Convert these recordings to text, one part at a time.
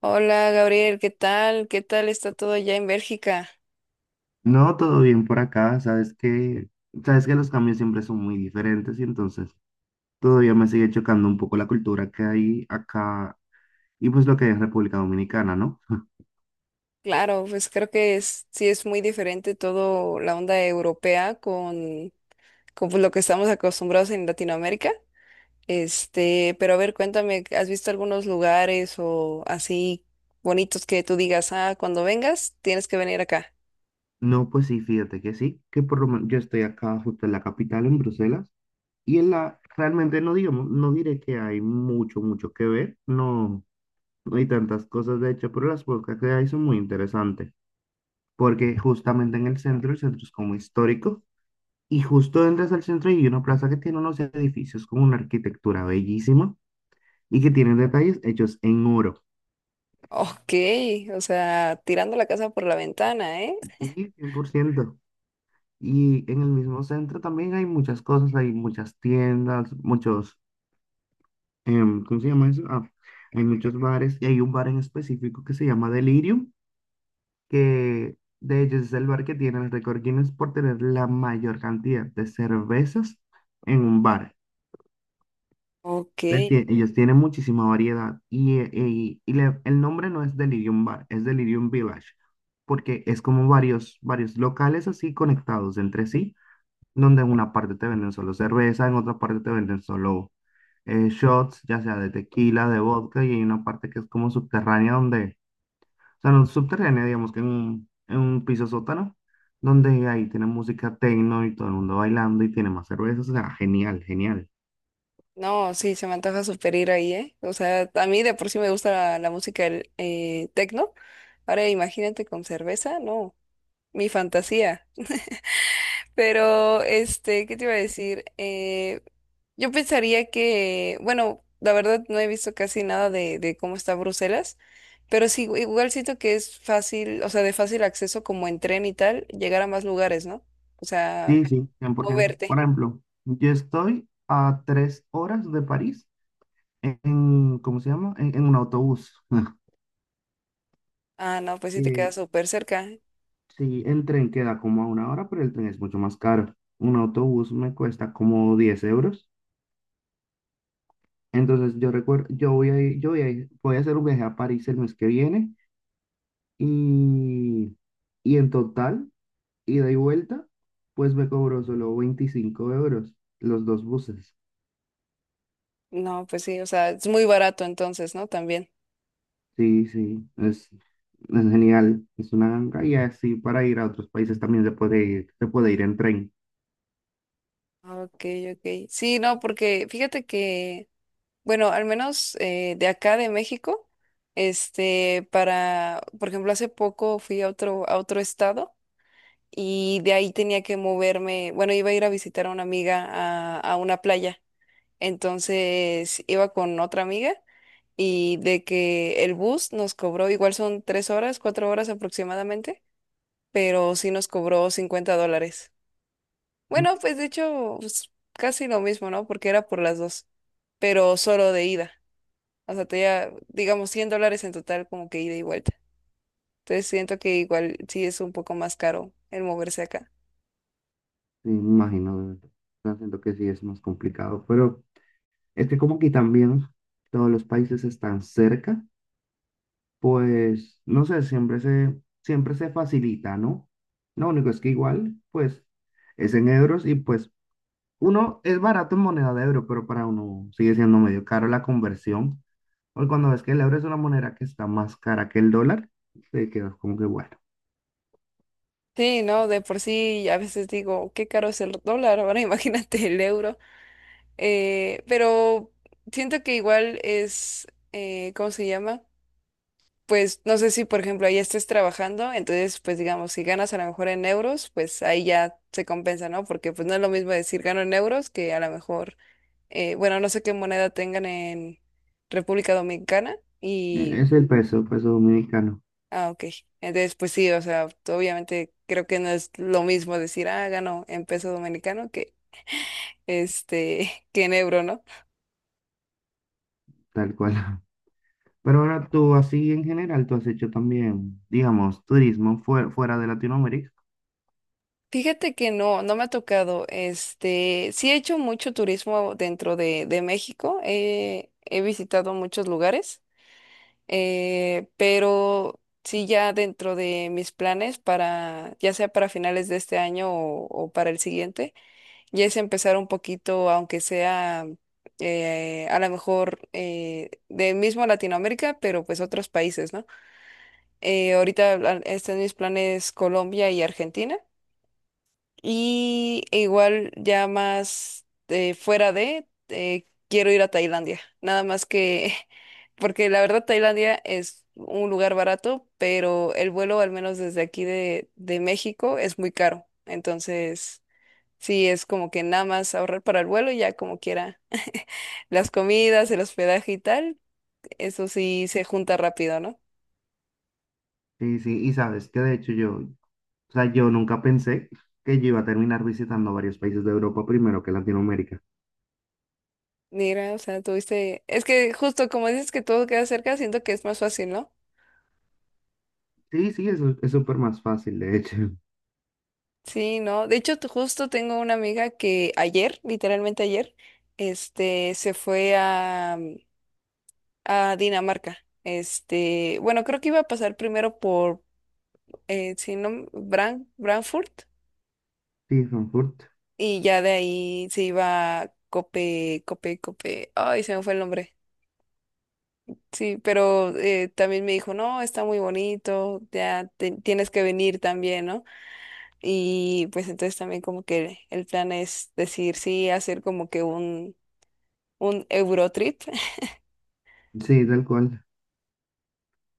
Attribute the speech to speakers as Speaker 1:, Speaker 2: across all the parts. Speaker 1: Hola Gabriel, ¿qué tal? ¿Qué tal está todo allá en Bélgica?
Speaker 2: No, todo bien por acá. Sabes que los cambios siempre son muy diferentes y entonces todavía me sigue chocando un poco la cultura que hay acá y pues lo que hay en República Dominicana, ¿no?
Speaker 1: Claro, pues creo que es, sí es muy diferente todo la onda europea con pues, lo que estamos acostumbrados en Latinoamérica. Este, pero a ver, cuéntame, ¿has visto algunos lugares o así bonitos que tú digas, ah, cuando vengas tienes que venir acá?
Speaker 2: No, pues sí, fíjate que sí, que por lo menos yo estoy acá justo en la capital, en Bruselas, y realmente no diré que hay mucho, mucho que ver, no, no hay tantas cosas de hecho, pero las pocas que hay son muy interesantes, porque justamente en el centro es como histórico. Y justo entras al centro y hay una plaza que tiene unos edificios con una arquitectura bellísima y que tienen detalles hechos en oro.
Speaker 1: Ok, o sea, tirando la casa por la ventana, ¿eh?
Speaker 2: Sí, 100%. Y en el mismo centro también hay muchas cosas, hay muchas tiendas, muchos, ¿cómo se llama eso? Ah, hay muchos bares y hay un bar en específico que se llama Delirium, que de hecho es el bar que tiene el récord Guinness por tener la mayor cantidad de cervezas en un bar.
Speaker 1: Ok.
Speaker 2: Ellos tienen muchísima variedad y el nombre no es Delirium Bar, es Delirium Village, porque es como varios, varios locales así conectados entre sí, donde en una parte te venden solo cerveza, en otra parte te venden solo shots, ya sea de tequila, de vodka, y hay una parte que es como subterránea donde, o sea, no subterránea, digamos que en un, piso sótano, donde ahí tienen música techno y todo el mundo bailando y tiene más cervezas, o sea, genial, genial.
Speaker 1: No, sí, se me antoja super ir ahí, ¿eh? O sea, a mí de por sí me gusta la, la música tecno. Ahora imagínate con cerveza, no, mi fantasía. Pero, este, ¿qué te iba a decir? Yo pensaría que, bueno, la verdad no he visto casi nada de, de cómo está Bruselas, pero sí, igual siento que es fácil, o sea, de fácil acceso como en tren y tal, llegar a más lugares, ¿no? O sea,
Speaker 2: Sí, sí, 100%.
Speaker 1: moverte.
Speaker 2: Por ejemplo, yo estoy a 3 horas de París ¿cómo se llama? En un autobús.
Speaker 1: Ah, no, pues sí te queda
Speaker 2: Eh,
Speaker 1: súper cerca.
Speaker 2: sí, el tren queda como a una hora, pero el tren es mucho más caro. Un autobús me cuesta como 10 euros. Entonces yo recuerdo, yo voy a, ir- yo voy a, ir- voy a hacer un viaje a París el mes que viene y, y, en total, ida y vuelta, pues me cobró solo 25 euros los dos buses.
Speaker 1: No, pues sí, o sea, es muy barato entonces, ¿no? También.
Speaker 2: Sí, sí, es genial. Es una ganga y así para ir a otros países también se puede ir en tren.
Speaker 1: Ah, ok, ok. Sí, no, porque fíjate que, bueno, al menos de acá de México, este, para, por ejemplo, hace poco fui a otro estado y de ahí tenía que moverme, bueno, iba a ir a visitar a una amiga a una playa, entonces iba con otra amiga y de que el bus nos cobró, igual son tres horas, cuatro horas aproximadamente, pero sí nos cobró $50.
Speaker 2: Mm.
Speaker 1: Bueno, pues de hecho, pues, casi lo mismo, ¿no? Porque era por las dos, pero solo de ida. O sea, te ya, digamos, $100 en total como que ida y vuelta. Entonces siento que igual sí es un poco más caro el moverse acá.
Speaker 2: Sí, me imagino, de verdad. O sea, siento que sí es más complicado, pero es que como aquí también todos los países están cerca, pues no sé, siempre se facilita, ¿no? Lo único es que igual, pues es en euros y pues uno es barato en moneda de euro, pero para uno sigue siendo medio caro la conversión. Hoy cuando ves que el euro es una moneda que está más cara que el dólar, te quedas como que bueno.
Speaker 1: Sí, ¿no? De por sí a veces digo, qué caro es el dólar, ahora imagínate el euro. Pero siento que igual es, ¿cómo se llama? Pues no sé si, por ejemplo, ahí estés trabajando, entonces, pues digamos, si ganas a lo mejor en euros, pues ahí ya se compensa, ¿no? Porque pues no es lo mismo decir gano en euros que a lo mejor, bueno, no sé qué moneda tengan en República Dominicana
Speaker 2: Es
Speaker 1: y,
Speaker 2: el peso, peso dominicano.
Speaker 1: ah, ok. Entonces, pues sí, o sea, obviamente creo que no es lo mismo decir, ah, gano en peso dominicano que, este, que en euro, ¿no?
Speaker 2: Tal cual. Pero ahora tú así en general, tú has hecho también, digamos, turismo fuera, fuera de Latinoamérica.
Speaker 1: Fíjate que no, no me ha tocado. Este, sí he hecho mucho turismo dentro de México. He visitado muchos lugares, pero sí ya dentro de mis planes para, ya sea para finales de este año o para el siguiente, ya es empezar un poquito, aunque sea a lo mejor de mismo Latinoamérica, pero pues otros países, ¿no? Ahorita ah, están mis planes Colombia y Argentina. Y igual ya más fuera de, quiero ir a Tailandia. Nada más que, porque la verdad Tailandia es un lugar barato, pero el vuelo, al menos desde aquí de México, es muy caro. Entonces, sí, es como que nada más ahorrar para el vuelo y ya como quiera. Las comidas, el hospedaje y tal, eso sí se junta rápido, ¿no?
Speaker 2: Sí, sí, y sabes que de hecho yo, o sea, yo nunca pensé que yo iba a terminar visitando varios países de Europa primero que Latinoamérica.
Speaker 1: Mira, o sea, tuviste, es que justo como dices que todo queda cerca, siento que es más fácil, ¿no?
Speaker 2: Sí, sí, eso es súper más fácil, de hecho.
Speaker 1: Sí, no. De hecho, t- justo tengo una amiga que ayer, literalmente ayer, este, se fue a, mm, a Dinamarca. Este, bueno, creo que iba a pasar primero por, si no, m- Bran- Frankfurt,
Speaker 2: Sí, Frankfurt.
Speaker 1: y ya de ahí se iba a Cope, Cope, Cope. Ay, se me fue el nombre. Sí, pero también me dijo, no, está muy bonito, ya te- tienes que venir también, ¿no? Y pues entonces también como que el plan es decir, sí, hacer como que un Eurotrip.
Speaker 2: Sí, tal cual.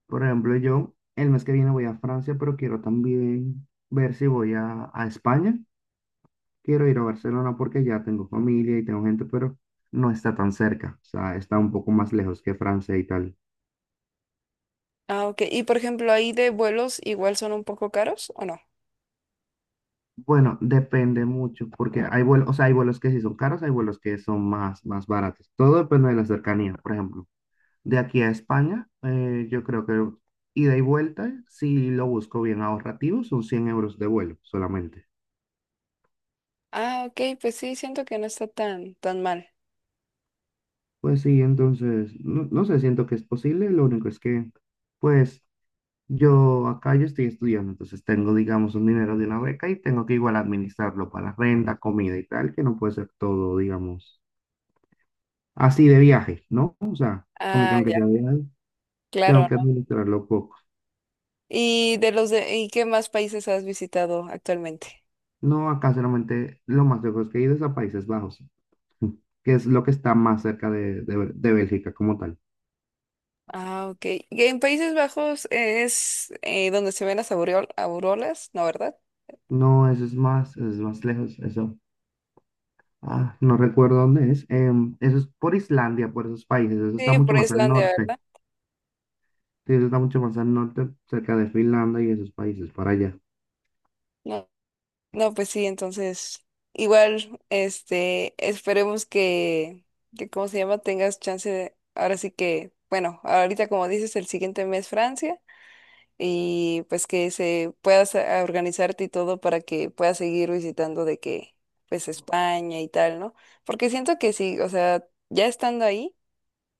Speaker 2: Por ejemplo, yo el mes que viene voy a Francia, pero quiero también ver si voy a España. Quiero ir a Barcelona porque ya tengo familia y tengo gente, pero no está tan cerca. O sea, está un poco más lejos que Francia y tal.
Speaker 1: Ah, ok. Y por ejemplo, ahí de vuelos igual son un poco caros, ¿o no?
Speaker 2: Bueno, depende mucho porque hay vuelos, o sea, hay vuelos que sí son caros, hay vuelos que son más, más baratos. Todo depende de la cercanía. Por ejemplo, de aquí a España, yo creo que ida y vuelta, si lo busco bien ahorrativo, son 100 euros de vuelo solamente.
Speaker 1: Ah, ok, pues sí, siento que no está tan, tan mal.
Speaker 2: Pues sí, entonces, no, no sé, siento que es posible, lo único es que, pues, yo acá yo estoy estudiando, entonces tengo, digamos, un dinero de una beca y tengo que igual administrarlo para renta, comida y tal, que no puede ser todo, digamos, así de viaje, ¿no? O sea, como que
Speaker 1: Ah,
Speaker 2: aunque
Speaker 1: ya,
Speaker 2: sea de viaje,
Speaker 1: claro,
Speaker 2: tengo que
Speaker 1: ¿no?
Speaker 2: administrarlo poco.
Speaker 1: ¿Y de los de, y qué más países has visitado actualmente?
Speaker 2: No, acá solamente lo más lejos que he ido es a Países Bajos, que es lo que está más cerca de, de Bélgica como tal.
Speaker 1: Ah, ok. Y en Países Bajos es donde se ven las aureo- auroras, ¿no, verdad?
Speaker 2: No, eso es más lejos, eso. Ah, no recuerdo dónde es. Eso es por Islandia, por esos países. Eso está
Speaker 1: Sí,
Speaker 2: mucho
Speaker 1: por
Speaker 2: más al
Speaker 1: Islandia,
Speaker 2: norte.
Speaker 1: ¿verdad?
Speaker 2: Sí, eso está mucho más al norte, cerca de Finlandia y esos países, para allá.
Speaker 1: No, pues sí, entonces igual, este, esperemos que ¿cómo se llama? Tengas chance de, ahora sí que, bueno, ahorita como dices, el siguiente mes Francia y pues que se puedas a- organizarte y todo para que puedas seguir visitando de que, pues España y tal, ¿no? Porque siento que sí, o sea, ya estando ahí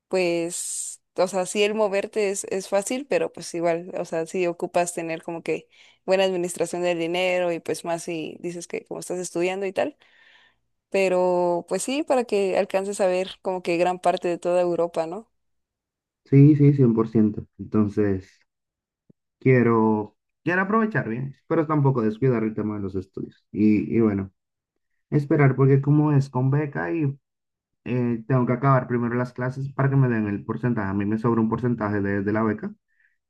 Speaker 1: pues, o sea, sí el moverte es fácil, pero pues igual, o sea, sí ocupas tener como que buena administración del dinero y pues más si dices que como estás estudiando y tal, pero pues sí, para que alcances a ver como que gran parte de toda Europa, ¿no?
Speaker 2: Sí, sí, cien por ciento. Entonces, quiero, quiero, aprovechar bien, pero tampoco descuidar el tema de los estudios. Y bueno, esperar porque como es con beca y tengo que acabar primero las clases para que me den el porcentaje. A mí me sobra un porcentaje de la beca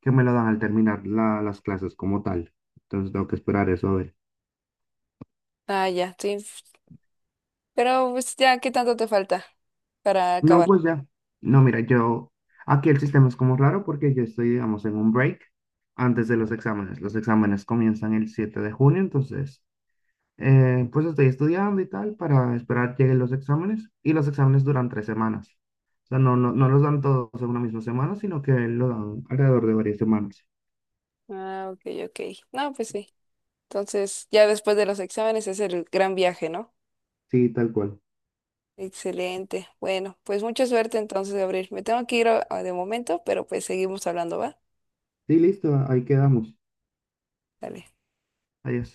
Speaker 2: que me lo dan al terminar las clases como tal. Entonces, tengo que esperar eso a ver.
Speaker 1: Ah, ya, sí. Pero pues ya, ¿qué tanto te falta para
Speaker 2: No,
Speaker 1: acabar?
Speaker 2: pues ya. No, mira, aquí el sistema es como raro porque yo estoy, digamos, en un break antes de los exámenes. Los exámenes comienzan el 7 de junio, entonces, pues estoy estudiando y tal para esperar que lleguen los exámenes y los exámenes duran 3 semanas. O sea, no, no, no los dan todos en una misma semana, sino que lo dan alrededor de varias semanas.
Speaker 1: Ah, ok, ok. No, pues sí. Entonces, ya después de los exámenes es el gran viaje, ¿no?
Speaker 2: Sí, tal cual.
Speaker 1: Excelente. Bueno, pues mucha suerte entonces, Gabriel. Me tengo que ir a- de momento, pero pues seguimos hablando, ¿va?
Speaker 2: Sí, listo, ahí quedamos.
Speaker 1: Dale.
Speaker 2: Adiós.